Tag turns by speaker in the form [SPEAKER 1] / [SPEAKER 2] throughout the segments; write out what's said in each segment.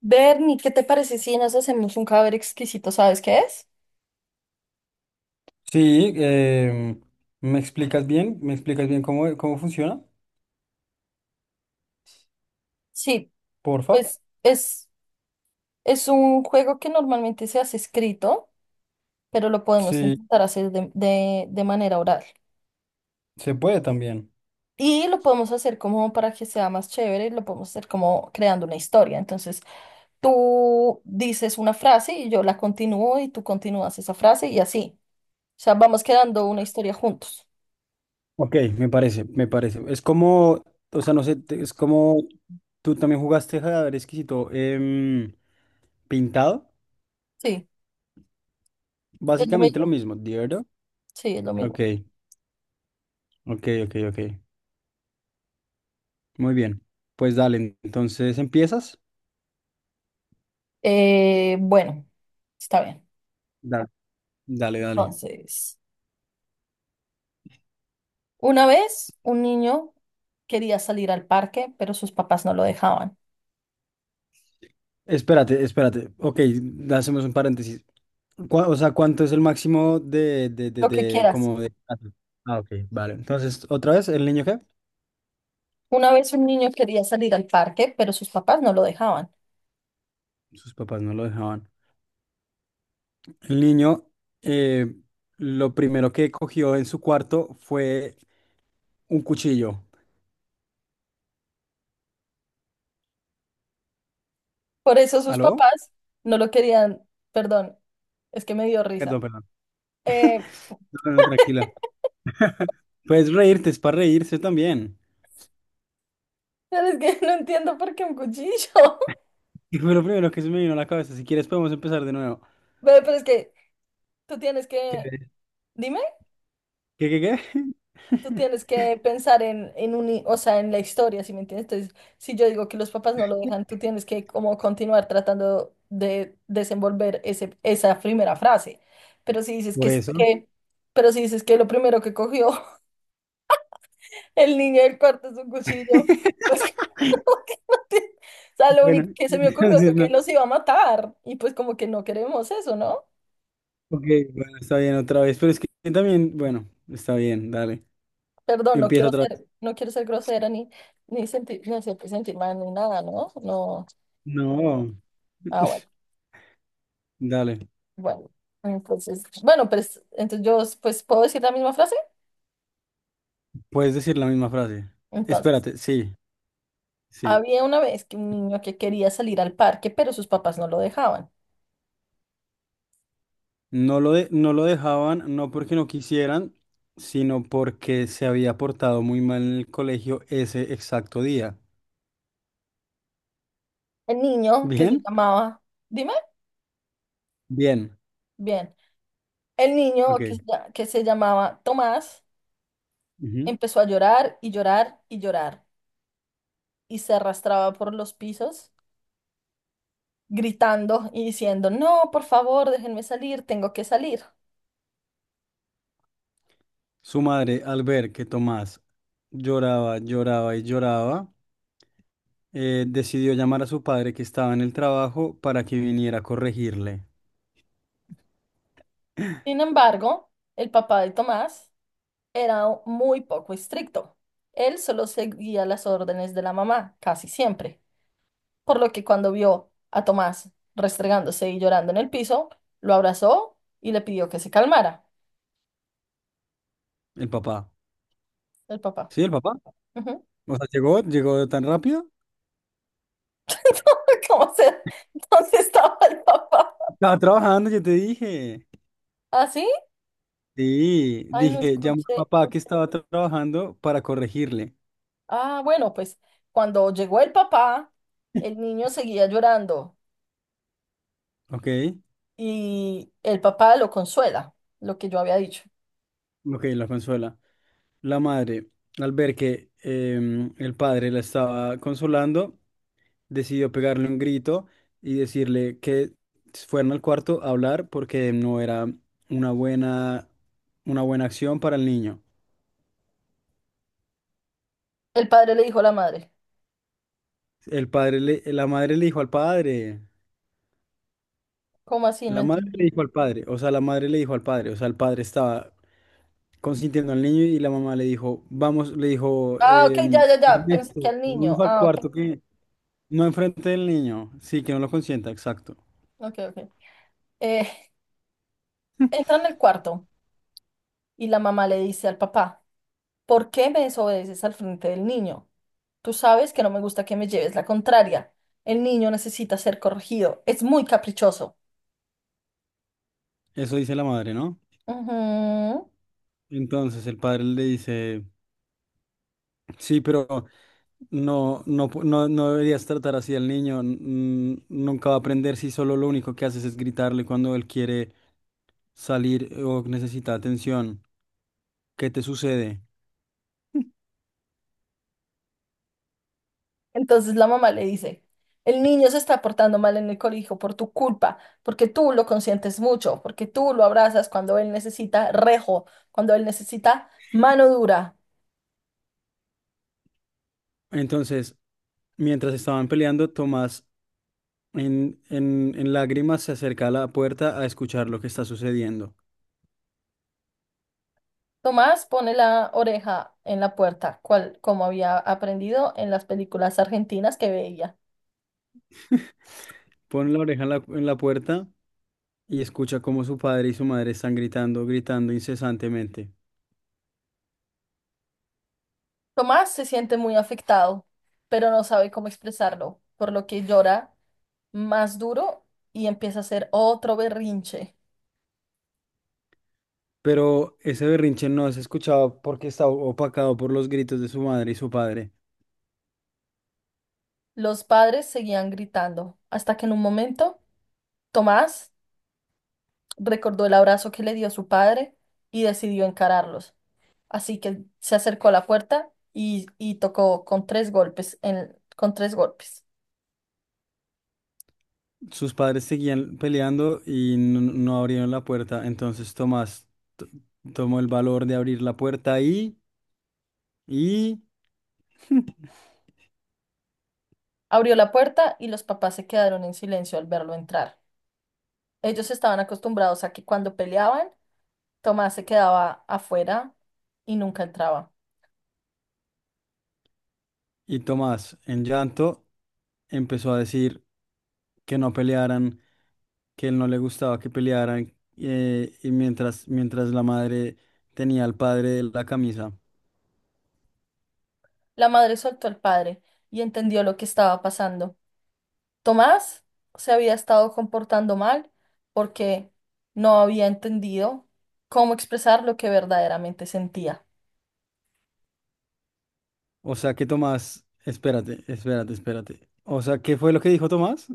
[SPEAKER 1] Bernie, ¿qué te parece si nos hacemos un cadáver exquisito? ¿Sabes qué es?
[SPEAKER 2] Sí, ¿me explicas bien? ¿Me explicas bien cómo funciona?
[SPEAKER 1] Sí,
[SPEAKER 2] Porfa.
[SPEAKER 1] pues es un juego que normalmente se hace escrito, pero lo podemos
[SPEAKER 2] Sí,
[SPEAKER 1] intentar hacer de manera oral.
[SPEAKER 2] se puede también.
[SPEAKER 1] Y lo podemos hacer como para que sea más chévere, lo podemos hacer como creando una historia. Entonces, tú dices una frase y yo la continúo y tú continúas esa frase y así. O sea, vamos creando una historia juntos.
[SPEAKER 2] Ok, me parece. Es como, o sea, no sé, es como tú también jugaste ver Exquisito pintado.
[SPEAKER 1] Sí, es lo
[SPEAKER 2] Básicamente lo
[SPEAKER 1] mismo.
[SPEAKER 2] mismo, ¿de verdad?
[SPEAKER 1] Sí, es lo
[SPEAKER 2] Ok,
[SPEAKER 1] mismo.
[SPEAKER 2] ok, ok, ok. Muy bien. Pues dale, entonces empiezas.
[SPEAKER 1] Bueno, está bien.
[SPEAKER 2] Dale, dale, dale.
[SPEAKER 1] Entonces... Una vez un niño quería salir al parque, pero sus papás no lo dejaban.
[SPEAKER 2] Espérate, espérate. Ok, hacemos un paréntesis. O sea, ¿cuánto es el máximo
[SPEAKER 1] Lo que quieras.
[SPEAKER 2] como de... Ah, ok, vale. Entonces, otra vez, ¿el niño qué?
[SPEAKER 1] Una vez un niño quería salir al parque, pero sus papás no lo dejaban.
[SPEAKER 2] Sus papás no lo dejaban. El niño, eh, lo primero que cogió en su cuarto fue un cuchillo.
[SPEAKER 1] Por eso sus
[SPEAKER 2] ¿Aló?
[SPEAKER 1] papás no lo querían. Perdón, es que me dio risa.
[SPEAKER 2] Perdón, perdón.
[SPEAKER 1] Eh,
[SPEAKER 2] No, no, tranquila. Puedes reírte, es para reírse también.
[SPEAKER 1] pero es que no entiendo por qué un cuchillo.
[SPEAKER 2] Y fue lo primero que se me vino a la cabeza. Si quieres, podemos empezar de nuevo.
[SPEAKER 1] Ve, pero es que tú tienes que... Dime.
[SPEAKER 2] ¿Qué?
[SPEAKER 1] Tú tienes que pensar en, o sea, en la historia, ¿sí me entiendes? Entonces, si yo digo que los papás no lo dejan, tú tienes que como continuar tratando de desenvolver ese, esa primera frase. Pero si dices que,
[SPEAKER 2] Por
[SPEAKER 1] s-
[SPEAKER 2] eso.
[SPEAKER 1] que, pero si dices que lo primero que cogió el niño del cuarto es un cuchillo, pues, o sea, lo
[SPEAKER 2] Bueno,
[SPEAKER 1] único que se me ocurrió fue
[SPEAKER 2] entonces,
[SPEAKER 1] que
[SPEAKER 2] no.
[SPEAKER 1] los iba a matar. Y pues como que no queremos eso, ¿no?
[SPEAKER 2] Ok, bueno, está bien otra vez. Pero es que también, bueno, está bien, dale.
[SPEAKER 1] Perdón,
[SPEAKER 2] Empieza otra vez.
[SPEAKER 1] no quiero ser grosera ni, ni sentir, ni hacer sentir mal ni nada, ¿no? No.
[SPEAKER 2] No,
[SPEAKER 1] Ah, bueno.
[SPEAKER 2] dale.
[SPEAKER 1] Bueno, entonces, bueno, pues entonces yo pues puedo decir la misma frase.
[SPEAKER 2] Puedes decir la misma frase.
[SPEAKER 1] Entonces,
[SPEAKER 2] Espérate, sí, sí.
[SPEAKER 1] había una vez que un niño que quería salir al parque, pero sus papás no lo dejaban.
[SPEAKER 2] No lo dejaban, no porque no quisieran, sino porque se había portado muy mal en el colegio ese exacto día.
[SPEAKER 1] El niño que se
[SPEAKER 2] ¿Bien?
[SPEAKER 1] llamaba, dime,
[SPEAKER 2] Bien.
[SPEAKER 1] bien, el niño
[SPEAKER 2] Ok.
[SPEAKER 1] que se llamaba Tomás
[SPEAKER 2] Ujú.
[SPEAKER 1] empezó a llorar y llorar y llorar y se arrastraba por los pisos gritando y diciendo, no, por favor, déjenme salir, tengo que salir.
[SPEAKER 2] Su madre, al ver que Tomás lloraba, decidió llamar a su padre que estaba en el trabajo para que viniera a corregirle.
[SPEAKER 1] Sin embargo, el papá de Tomás era muy poco estricto. Él solo seguía las órdenes de la mamá, casi siempre, por lo que cuando vio a Tomás restregándose y llorando en el piso, lo abrazó y le pidió que se calmara.
[SPEAKER 2] El papá.
[SPEAKER 1] El papá.
[SPEAKER 2] Sí, el papá.
[SPEAKER 1] Ujú.
[SPEAKER 2] O sea, llegó tan rápido.
[SPEAKER 1] ¿Cómo se? ¿Dónde estaba el papá?
[SPEAKER 2] Estaba trabajando, yo te dije.
[SPEAKER 1] ¿Ah, sí?
[SPEAKER 2] Sí,
[SPEAKER 1] Ay, no
[SPEAKER 2] dije, llamó al
[SPEAKER 1] escuché.
[SPEAKER 2] papá que estaba trabajando para corregirle.
[SPEAKER 1] Ah, bueno, pues cuando llegó el papá, el niño seguía llorando
[SPEAKER 2] Ok,
[SPEAKER 1] y el papá lo consuela, lo que yo había dicho.
[SPEAKER 2] ok, la consuela. La madre, al ver que el padre la estaba consolando, decidió pegarle un grito y decirle que fueran al cuarto a hablar porque no era una buena, una buena acción para el niño.
[SPEAKER 1] El padre le dijo a la madre,
[SPEAKER 2] La madre le dijo al padre.
[SPEAKER 1] ¿cómo así? No
[SPEAKER 2] La madre le
[SPEAKER 1] entendí.
[SPEAKER 2] dijo al padre, o sea, la madre le dijo al padre, o sea, el padre estaba consintiendo al niño y la mamá le dijo, vamos, le dijo,
[SPEAKER 1] Ah, ok, ya, ya, ya. Pensé que
[SPEAKER 2] Ernesto,
[SPEAKER 1] al niño.
[SPEAKER 2] vamos al
[SPEAKER 1] Ah, ok,
[SPEAKER 2] cuarto que no enfrente del niño, sí, que no lo consienta, exacto.
[SPEAKER 1] ok, ok. Eh, entra en el cuarto y la mamá le dice al papá, ¿por qué me desobedeces al frente del niño? Tú sabes que no me gusta que me lleves la contraria. El niño necesita ser corregido. Es muy caprichoso.
[SPEAKER 2] Eso dice la madre, ¿no?
[SPEAKER 1] Ujú.
[SPEAKER 2] Entonces el padre le dice, sí, pero no, no deberías tratar así al niño, nunca va a aprender si solo lo único que haces es gritarle cuando él quiere salir o necesita atención. ¿Qué te sucede?
[SPEAKER 1] Entonces la mamá le dice, el niño se está portando mal en el colegio por tu culpa, porque tú lo consientes mucho, porque tú lo abrazas cuando él necesita rejo, cuando él necesita mano dura.
[SPEAKER 2] Entonces, mientras estaban peleando, Tomás en lágrimas se acerca a la puerta a escuchar lo que está sucediendo.
[SPEAKER 1] Tomás pone la oreja en la puerta, cual, como había aprendido en las películas argentinas que veía.
[SPEAKER 2] Pone la oreja en la puerta y escucha cómo su padre y su madre están gritando incesantemente.
[SPEAKER 1] Tomás se siente muy afectado, pero no sabe cómo expresarlo, por lo que llora más duro y empieza a hacer otro berrinche.
[SPEAKER 2] Pero ese berrinche no es escuchado porque está opacado por los gritos de su madre y su padre.
[SPEAKER 1] Los padres seguían gritando, hasta que en un momento Tomás recordó el abrazo que le dio su padre y decidió encararlos. Así que se acercó a la puerta y tocó con tres golpes, con tres golpes.
[SPEAKER 2] Sus padres seguían peleando y no abrieron la puerta. Entonces Tomás t- tomó el valor de abrir la puerta y Y,
[SPEAKER 1] Abrió la puerta y los papás se quedaron en silencio al verlo entrar. Ellos estaban acostumbrados a que cuando peleaban, Tomás se quedaba afuera y nunca entraba.
[SPEAKER 2] y Tomás, en llanto, empezó a decir que no pelearan, que él no le gustaba que pelearan, y mientras la madre tenía al padre de la camisa.
[SPEAKER 1] La madre soltó al padre y entendió lo que estaba pasando. Tomás se había estado comportando mal porque no había entendido cómo expresar lo que verdaderamente sentía,
[SPEAKER 2] O sea que Tomás, espérate, espérate, espérate. O sea, ¿qué fue lo que dijo Tomás?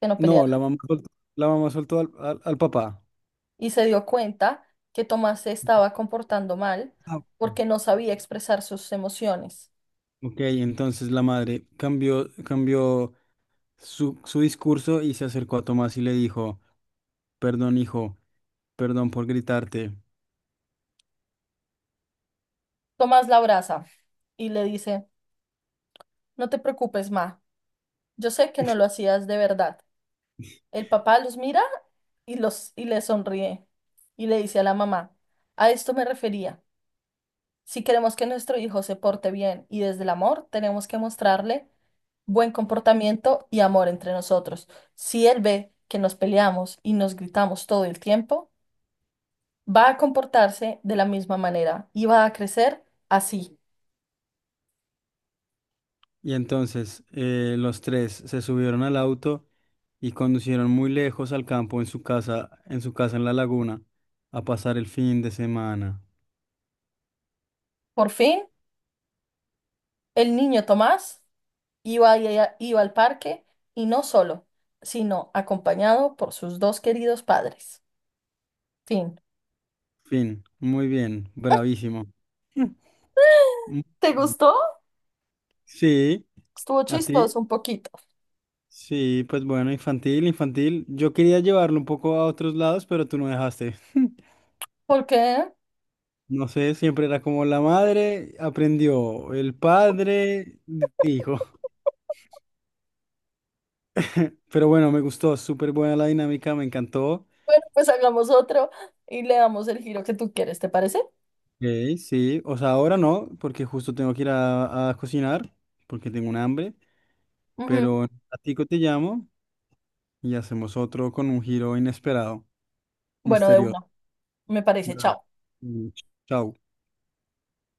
[SPEAKER 1] que no
[SPEAKER 2] No,
[SPEAKER 1] peleara.
[SPEAKER 2] la mamá soltó al papá.
[SPEAKER 1] Y se dio cuenta que Tomás se estaba comportando mal
[SPEAKER 2] Ah,
[SPEAKER 1] porque no sabía expresar sus emociones.
[SPEAKER 2] ok, entonces la madre cambió su discurso y se acercó a Tomás y le dijo. Perdón, hijo, perdón por gritarte.
[SPEAKER 1] Tomás la abraza y le dice, no te preocupes, Ma, yo sé que no lo hacías de verdad. El papá los mira y le sonríe y le dice a la mamá, a esto me refería. Si queremos que nuestro hijo se porte bien y desde el amor, tenemos que mostrarle buen comportamiento y amor entre nosotros. Si él ve que nos peleamos y nos gritamos todo el tiempo, va a comportarse de la misma manera y va a crecer así.
[SPEAKER 2] Y entonces los tres se subieron al auto y conducieron muy lejos al campo en su casa, en su casa en la laguna, a pasar el fin de semana.
[SPEAKER 1] Por fin, el niño Tomás Iba, y iba al parque y no solo, sino acompañado por sus dos queridos padres. Fin.
[SPEAKER 2] Fin, muy bien, bravísimo. Mm,
[SPEAKER 1] ¿Te gustó?
[SPEAKER 2] sí,
[SPEAKER 1] Estuvo
[SPEAKER 2] a ti.
[SPEAKER 1] chistoso un poquito.
[SPEAKER 2] Sí, pues bueno, infantil, infantil. Yo quería llevarlo un poco a otros lados, pero tú no dejaste.
[SPEAKER 1] ¿Por qué?
[SPEAKER 2] No sé, siempre era como la madre aprendió, el padre dijo. Pero bueno, me gustó, súper buena la dinámica, me encantó.
[SPEAKER 1] Bueno, pues hagamos otro y le damos el giro que tú quieres, ¿te parece?
[SPEAKER 2] Ok, sí, o sea, ahora no, porque justo tengo que ir a cocinar, porque tengo un hambre,
[SPEAKER 1] Ujú.
[SPEAKER 2] pero a ti te llamo y hacemos otro con un giro inesperado,
[SPEAKER 1] Bueno, de
[SPEAKER 2] misterioso.
[SPEAKER 1] uno, me parece.
[SPEAKER 2] Dale.
[SPEAKER 1] Chao.
[SPEAKER 2] Mm, chao.